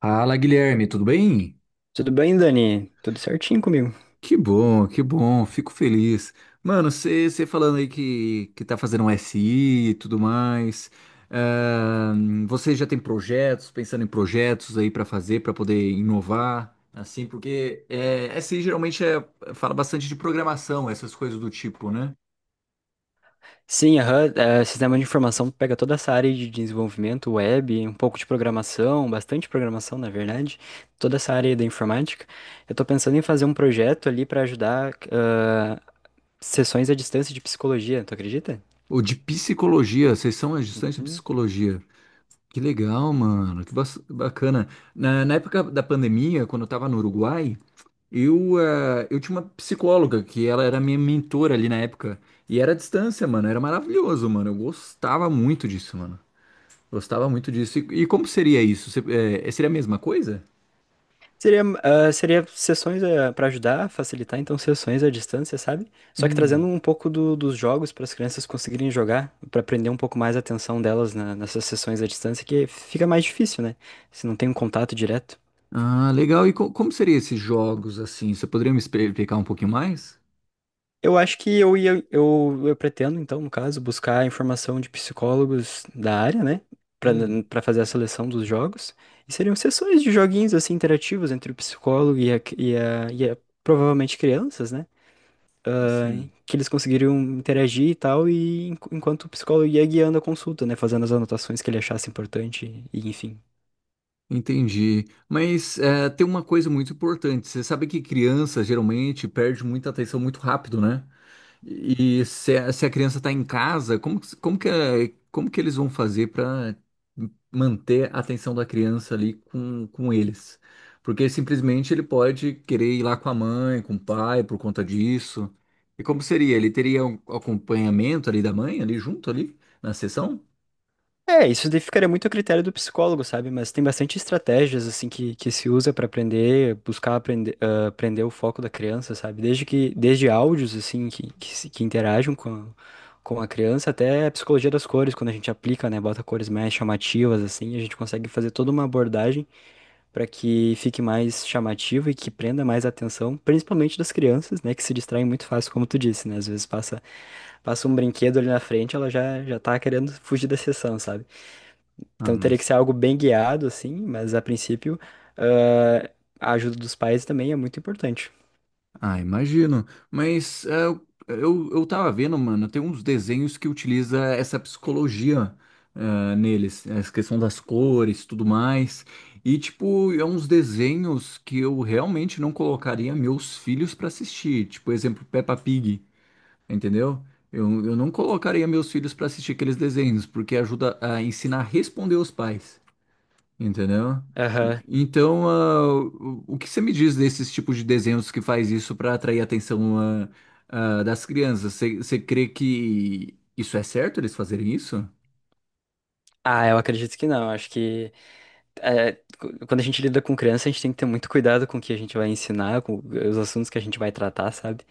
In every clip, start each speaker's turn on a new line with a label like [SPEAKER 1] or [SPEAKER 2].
[SPEAKER 1] Fala, Guilherme, tudo bem?
[SPEAKER 2] Tudo bem, Dani? Tudo certinho comigo?
[SPEAKER 1] Que bom, fico feliz. Mano, você falando aí que tá fazendo um SI e tudo mais, você já tem projetos, pensando em projetos aí pra fazer, pra poder inovar, assim, porque é, SI geralmente fala bastante de programação, essas coisas do tipo, né?
[SPEAKER 2] Sim, aham, é, sistema de informação pega toda essa área de desenvolvimento web, um pouco de programação, bastante programação, na verdade, toda essa área da informática. Eu tô pensando em fazer um projeto ali para ajudar sessões à distância de psicologia, tu acredita?
[SPEAKER 1] Ou de psicologia, vocês são estudantes de psicologia. Que legal, mano, que bacana. Na época da pandemia, quando eu tava no Uruguai, eu tinha uma psicóloga que ela era minha mentora ali na época. E era à distância, mano. Era maravilhoso, mano. Eu gostava muito disso, mano. Gostava muito disso. E como seria isso? Seria a mesma coisa?
[SPEAKER 2] Seria, seria sessões para ajudar, facilitar, então, sessões à distância, sabe? Só que trazendo
[SPEAKER 1] Hum.
[SPEAKER 2] um pouco dos jogos para as crianças conseguirem jogar, para prender um pouco mais a atenção delas nessas sessões à distância, que fica mais difícil, né? Se não tem um contato direto.
[SPEAKER 1] Ah, legal. E como seriam esses jogos assim? Você poderia me explicar um pouquinho mais?
[SPEAKER 2] Eu acho que eu ia, eu pretendo, então, no caso, buscar informação de psicólogos da área, né? Para
[SPEAKER 1] Hum,
[SPEAKER 2] para fazer a seleção dos jogos. E seriam sessões de joguinhos, assim, interativos entre o psicólogo e a provavelmente crianças, né? ah,
[SPEAKER 1] sim.
[SPEAKER 2] que eles conseguiriam interagir e tal, e enquanto o psicólogo ia guiando a consulta, né? Fazendo as anotações que ele achasse importante, e enfim.
[SPEAKER 1] Entendi. Mas tem uma coisa muito importante. Você sabe que criança geralmente perde muita atenção muito rápido, né? E se a criança está em casa, como que eles vão fazer para manter a atenção da criança ali com eles? Porque simplesmente ele pode querer ir lá com a mãe, com o pai, por conta disso. E como seria? Ele teria um acompanhamento ali da mãe, ali junto, ali, na sessão?
[SPEAKER 2] É, isso daí ficaria muito a critério do psicólogo, sabe? Mas tem bastante estratégias, assim, que se usa pra aprender, buscar aprender, aprender o foco da criança, sabe? Desde áudios, assim, que, se- que interagem com a criança, até a psicologia das cores, quando a gente aplica, né? Bota cores mais chamativas, assim, a gente consegue fazer toda uma abordagem para que fique mais chamativo e que prenda mais a atenção, principalmente das crianças, né, que se distraem muito fácil, como tu disse, né? Às vezes passa um brinquedo ali na frente, ela já já tá querendo fugir da sessão, sabe?
[SPEAKER 1] Ah,
[SPEAKER 2] Então teria que
[SPEAKER 1] mas
[SPEAKER 2] ser algo bem guiado assim, mas a princípio, ah, a ajuda dos pais também é muito importante.
[SPEAKER 1] Ah, imagino. Mas eu tava vendo, mano, tem uns desenhos que utiliza essa psicologia neles, essa questão das cores, tudo mais. E, tipo, é uns desenhos que eu realmente não colocaria meus filhos pra assistir. Tipo, exemplo, Peppa Pig, entendeu? Eu não colocaria meus filhos pra assistir aqueles desenhos, porque ajuda a ensinar a responder aos pais. Entendeu?
[SPEAKER 2] Aham.
[SPEAKER 1] Então, o que você me diz desses tipos de desenhos que faz isso para atrair a atenção das crianças? Você crê que isso é certo eles fazerem isso?
[SPEAKER 2] Ah, eu acredito que não. Acho que é, cu- Quando a gente lida com criança, a gente tem que ter muito cuidado com o que a gente vai ensinar, com os assuntos que a gente vai tratar, sabe?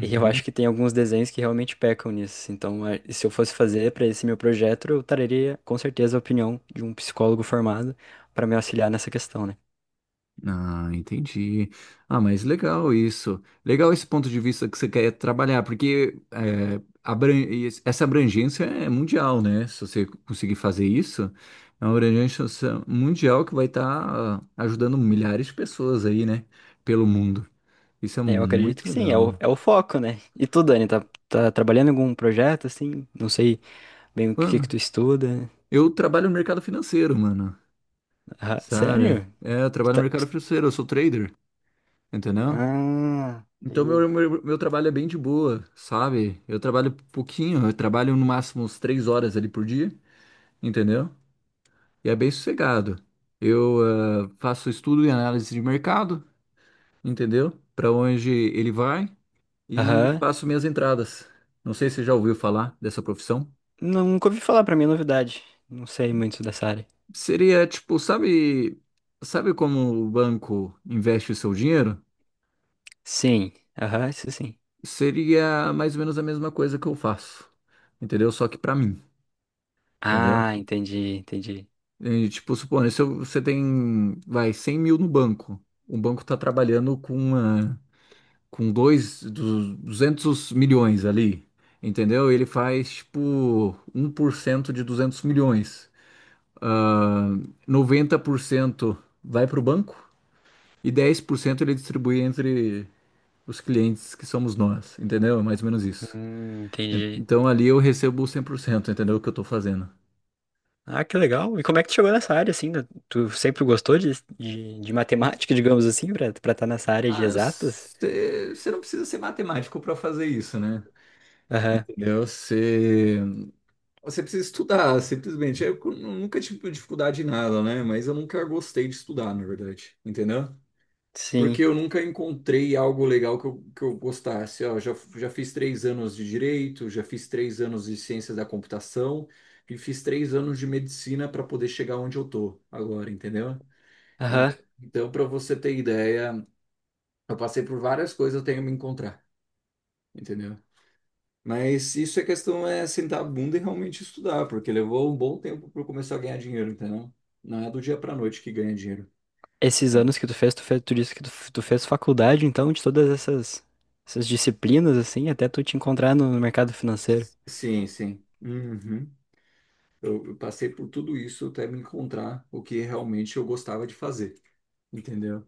[SPEAKER 2] E eu acho que tem alguns desenhos que realmente pecam nisso. Então, é, se eu fosse fazer para esse meu projeto, eu traria com certeza a opinião de um psicólogo formado para me auxiliar nessa questão, né?
[SPEAKER 1] Ah, entendi. Ah, mas legal isso. Legal esse ponto de vista que você quer trabalhar, porque é, essa abrangência é mundial, né? Se você conseguir fazer isso, é uma abrangência mundial que vai estar ajudando milhares de pessoas aí, né? Pelo mundo. Isso é
[SPEAKER 2] É, eu acredito
[SPEAKER 1] muito
[SPEAKER 2] que sim, é o,
[SPEAKER 1] legal.
[SPEAKER 2] é o foco, né? E tu, Dani, tá trabalhando em algum projeto, assim? Não sei bem o que
[SPEAKER 1] Mano,
[SPEAKER 2] que tu estuda.
[SPEAKER 1] eu trabalho no mercado financeiro, mano.
[SPEAKER 2] Ah,
[SPEAKER 1] Sabe?
[SPEAKER 2] sério?
[SPEAKER 1] É, eu
[SPEAKER 2] Tu
[SPEAKER 1] trabalho no
[SPEAKER 2] tá- tu-
[SPEAKER 1] mercado financeiro, eu sou trader, entendeu?
[SPEAKER 2] Ah,
[SPEAKER 1] Então
[SPEAKER 2] peguei.
[SPEAKER 1] meu trabalho é bem de boa, sabe? Eu trabalho pouquinho, eu trabalho no máximo uns 3 horas ali por dia, entendeu? E é bem sossegado. Eu faço estudo e análise de mercado, entendeu? Para onde ele vai e
[SPEAKER 2] Aham.
[SPEAKER 1] faço minhas entradas. Não sei se você já ouviu falar dessa profissão.
[SPEAKER 2] Nunca ouvi falar, pra mim é novidade. Não sei muito dessa área.
[SPEAKER 1] Seria tipo, sabe, sabe como o banco investe o seu dinheiro?
[SPEAKER 2] Sim, aham, isso sim.
[SPEAKER 1] Seria mais ou menos a mesma coisa que eu faço, entendeu? Só que pra mim, entendeu?
[SPEAKER 2] Ah, entendi, entendi.
[SPEAKER 1] E, tipo, supondo, se eu- você tem, vai, 100 mil no banco, o banco tá trabalhando com uma, com dois, du- 200 milhões ali, entendeu? Ele faz, tipo, 1% de 200 milhões. Ah, 90% vai pro banco e 10% ele distribui entre os clientes que somos nós, entendeu? É mais ou menos isso.
[SPEAKER 2] Entendi.
[SPEAKER 1] Então ali eu recebo 100%, entendeu? O que eu tô fazendo.
[SPEAKER 2] Ah, que legal. E como é que tu chegou nessa área, assim? Né? Tu sempre gostou de matemática, digamos assim, pra estar tá nessa área de
[SPEAKER 1] Ah,
[SPEAKER 2] exatas?
[SPEAKER 1] você não precisa ser matemático para fazer isso, né?
[SPEAKER 2] Aham,
[SPEAKER 1] Entendeu? Você precisa estudar, simplesmente. Eu nunca tive dificuldade em nada, né? Mas eu nunca gostei de estudar, na verdade, entendeu?
[SPEAKER 2] sim.
[SPEAKER 1] Porque eu nunca encontrei algo legal que eu gostasse. Ó, já fiz 3 anos de direito, já fiz três anos de ciência da computação e fiz 3 anos de medicina para poder chegar onde eu tô agora, entendeu? En-
[SPEAKER 2] Aham.
[SPEAKER 1] Então, para você ter ideia, eu passei por várias coisas até eu me encontrar, entendeu? Mas isso é questão é sentar a bunda e realmente estudar, porque levou um bom tempo para eu começar a ganhar dinheiro, entendeu? Não é do dia para noite que ganha dinheiro.
[SPEAKER 2] Esses
[SPEAKER 1] Tá.
[SPEAKER 2] anos que tu fez, tu disse que tu fez faculdade, então, essas disciplinas, assim, até tu te encontrar no mercado financeiro.
[SPEAKER 1] Sim, sim. Uhum. Eu passei por tudo isso até me encontrar o que realmente eu gostava de fazer, entendeu?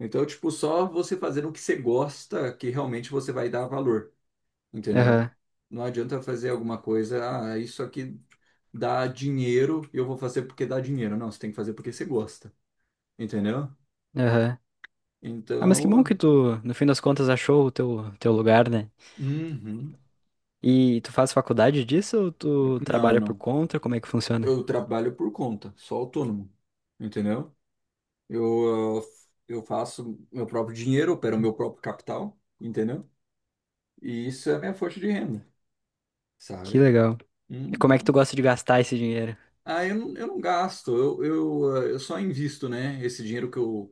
[SPEAKER 1] Então, tipo, só você fazendo o que você gosta que realmente você vai dar valor, entendeu?
[SPEAKER 2] Aham,
[SPEAKER 1] Não adianta fazer alguma coisa, ah, isso aqui dá dinheiro e eu vou fazer porque dá dinheiro. Não, você tem que fazer porque você gosta, entendeu?
[SPEAKER 2] aham. Ah, mas que bom
[SPEAKER 1] Então.
[SPEAKER 2] que tu, no fim das contas, achou o teu lugar, né?
[SPEAKER 1] Uhum.
[SPEAKER 2] E tu faz faculdade disso ou tu
[SPEAKER 1] Não,
[SPEAKER 2] trabalha por
[SPEAKER 1] não.
[SPEAKER 2] conta? Como é que funciona?
[SPEAKER 1] Eu trabalho por conta, sou autônomo, entendeu? Eu, eu faço meu próprio dinheiro, opero meu próprio capital, entendeu? E isso é a minha fonte de renda,
[SPEAKER 2] Que
[SPEAKER 1] sabe?
[SPEAKER 2] legal. E como é que tu
[SPEAKER 1] Uhum.
[SPEAKER 2] gosta de gastar esse dinheiro?
[SPEAKER 1] Ah, eu não gasto, eu só invisto, né? Esse dinheiro que eu,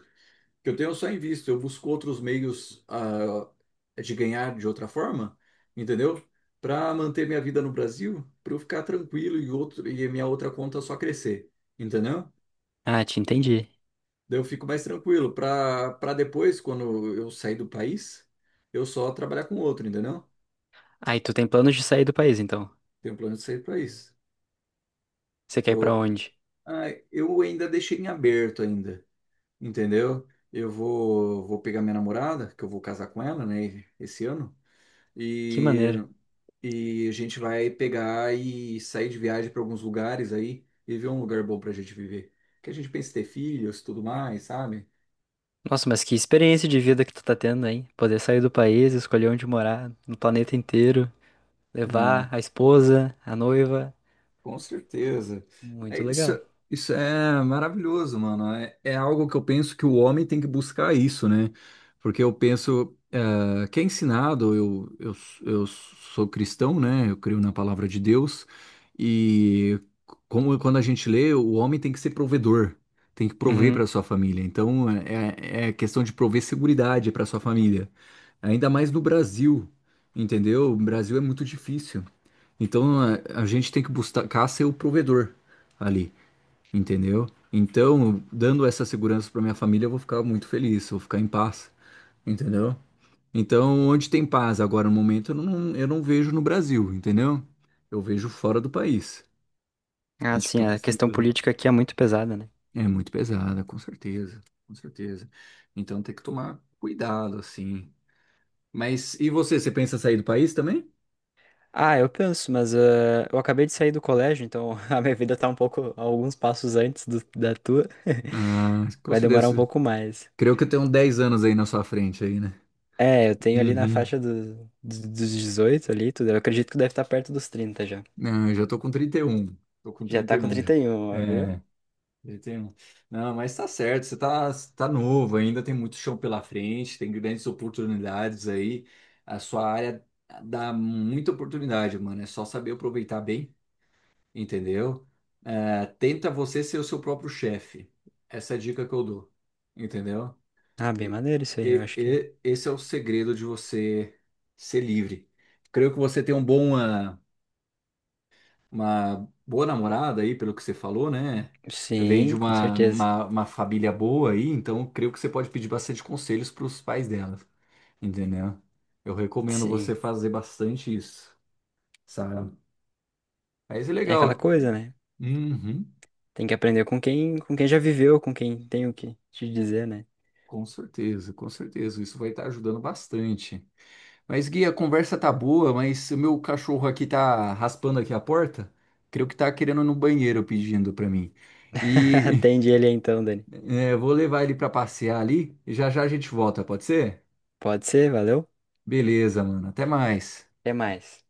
[SPEAKER 1] que eu tenho, eu só invisto. Eu busco outros meios, de ganhar de outra forma, entendeu? Para manter minha vida no Brasil, para eu ficar tranquilo e, outro, e a minha outra conta só crescer, entendeu?
[SPEAKER 2] Ah, te entendi.
[SPEAKER 1] Daí eu fico mais tranquilo, para depois, quando eu sair do país, eu só trabalhar com outro, entendeu?
[SPEAKER 2] Aí tu tem planos de sair do país, então.
[SPEAKER 1] Tenho um plano de sair do país.
[SPEAKER 2] Você quer ir pra
[SPEAKER 1] Então,
[SPEAKER 2] onde?
[SPEAKER 1] ah, eu ainda deixei em aberto ainda, entendeu? Eu vou pegar minha namorada, que eu vou casar com ela, né, esse ano,
[SPEAKER 2] Que
[SPEAKER 1] e,
[SPEAKER 2] maneira.
[SPEAKER 1] e a gente vai pegar e sair de viagem para alguns lugares aí e ver um lugar bom pra gente viver. Que a gente pensa em ter filhos, tudo mais, sabe?
[SPEAKER 2] Nossa, mas que experiência de vida que tu tá tendo, hein? Poder sair do país, escolher onde morar, no planeta inteiro, levar a esposa, a noiva.
[SPEAKER 1] Com certeza. É
[SPEAKER 2] Muito
[SPEAKER 1] isso,
[SPEAKER 2] legal.
[SPEAKER 1] isso é maravilhoso, mano. É, é algo que eu penso que o homem tem que buscar isso, né? Porque eu penso, que é ensinado, eu sou cristão, né? Eu creio na palavra de Deus. E como quando a gente lê, o homem tem que ser provedor, tem que prover
[SPEAKER 2] Uhum.
[SPEAKER 1] para sua família. Então, é questão de prover seguridade para sua família. Ainda mais no Brasil, entendeu? O Brasil é muito difícil. Então a gente tem que buscar ser o provedor ali, entendeu? Então, dando essa segurança para minha família, eu vou ficar muito feliz, eu vou ficar em paz, entendeu? Então, onde tem paz agora no momento, eu não vejo no Brasil, entendeu? Eu vejo fora do país. A
[SPEAKER 2] Ah,
[SPEAKER 1] gente
[SPEAKER 2] sim,
[SPEAKER 1] fica
[SPEAKER 2] a
[SPEAKER 1] mais
[SPEAKER 2] questão
[SPEAKER 1] tranquilo.
[SPEAKER 2] política aqui é muito pesada, né?
[SPEAKER 1] É muito pesada, com certeza, com certeza. Então tem que tomar cuidado, assim. Mas e você, você pensa em sair do país também?
[SPEAKER 2] Ah, eu penso, mas eu acabei de sair do colégio, então a minha vida tá um pouco, alguns passos antes da tua.
[SPEAKER 1] Ah, com
[SPEAKER 2] Vai demorar um
[SPEAKER 1] certeza.
[SPEAKER 2] pouco mais.
[SPEAKER 1] Creio que tem uns 10 anos aí na sua frente aí, né?
[SPEAKER 2] É, eu tenho ali na
[SPEAKER 1] Uhum.
[SPEAKER 2] faixa dos 18 ali, tudo. Eu acredito que deve estar perto dos 30 já.
[SPEAKER 1] Não, eu já tô com 31. Tô com
[SPEAKER 2] Já
[SPEAKER 1] trinta
[SPEAKER 2] tá
[SPEAKER 1] e
[SPEAKER 2] com
[SPEAKER 1] um já.
[SPEAKER 2] 31, ó, viu?
[SPEAKER 1] É, 31. Não, mas tá certo, você tá, tá novo ainda, tem muito chão pela frente, tem grandes oportunidades aí. A sua área dá muita oportunidade, mano. É só saber aproveitar bem, entendeu? É, tenta você ser o seu próprio chefe. Essa é a dica que eu dou, entendeu?
[SPEAKER 2] Ah, bem
[SPEAKER 1] E,
[SPEAKER 2] maneiro isso aí, eu acho que.
[SPEAKER 1] esse é o segredo de você ser livre. Creio que você tem um bom. Uma boa namorada aí, pelo que você falou, né? Vem de
[SPEAKER 2] Sim, com
[SPEAKER 1] uma,
[SPEAKER 2] certeza.
[SPEAKER 1] uma, uma família boa aí, então creio que você pode pedir bastante conselhos para os pais dela, entendeu? Eu recomendo
[SPEAKER 2] Sim.
[SPEAKER 1] você fazer bastante isso, sabe? Mas é
[SPEAKER 2] É aquela
[SPEAKER 1] legal.
[SPEAKER 2] coisa, né?
[SPEAKER 1] Uhum,
[SPEAKER 2] Tem que aprender com quem já viveu, com quem tem o que te dizer, né?
[SPEAKER 1] com certeza, com certeza. Isso vai estar ajudando bastante. Mas, Gui, a conversa tá boa, mas o meu cachorro aqui tá raspando aqui a porta. Creio que tá querendo ir no banheiro pedindo para mim. E
[SPEAKER 2] Atende ele aí então, Dani.
[SPEAKER 1] Eu vou levar ele pra passear ali e já já a gente volta, pode ser?
[SPEAKER 2] Pode ser, valeu?
[SPEAKER 1] Beleza, mano. Até mais.
[SPEAKER 2] Até mais.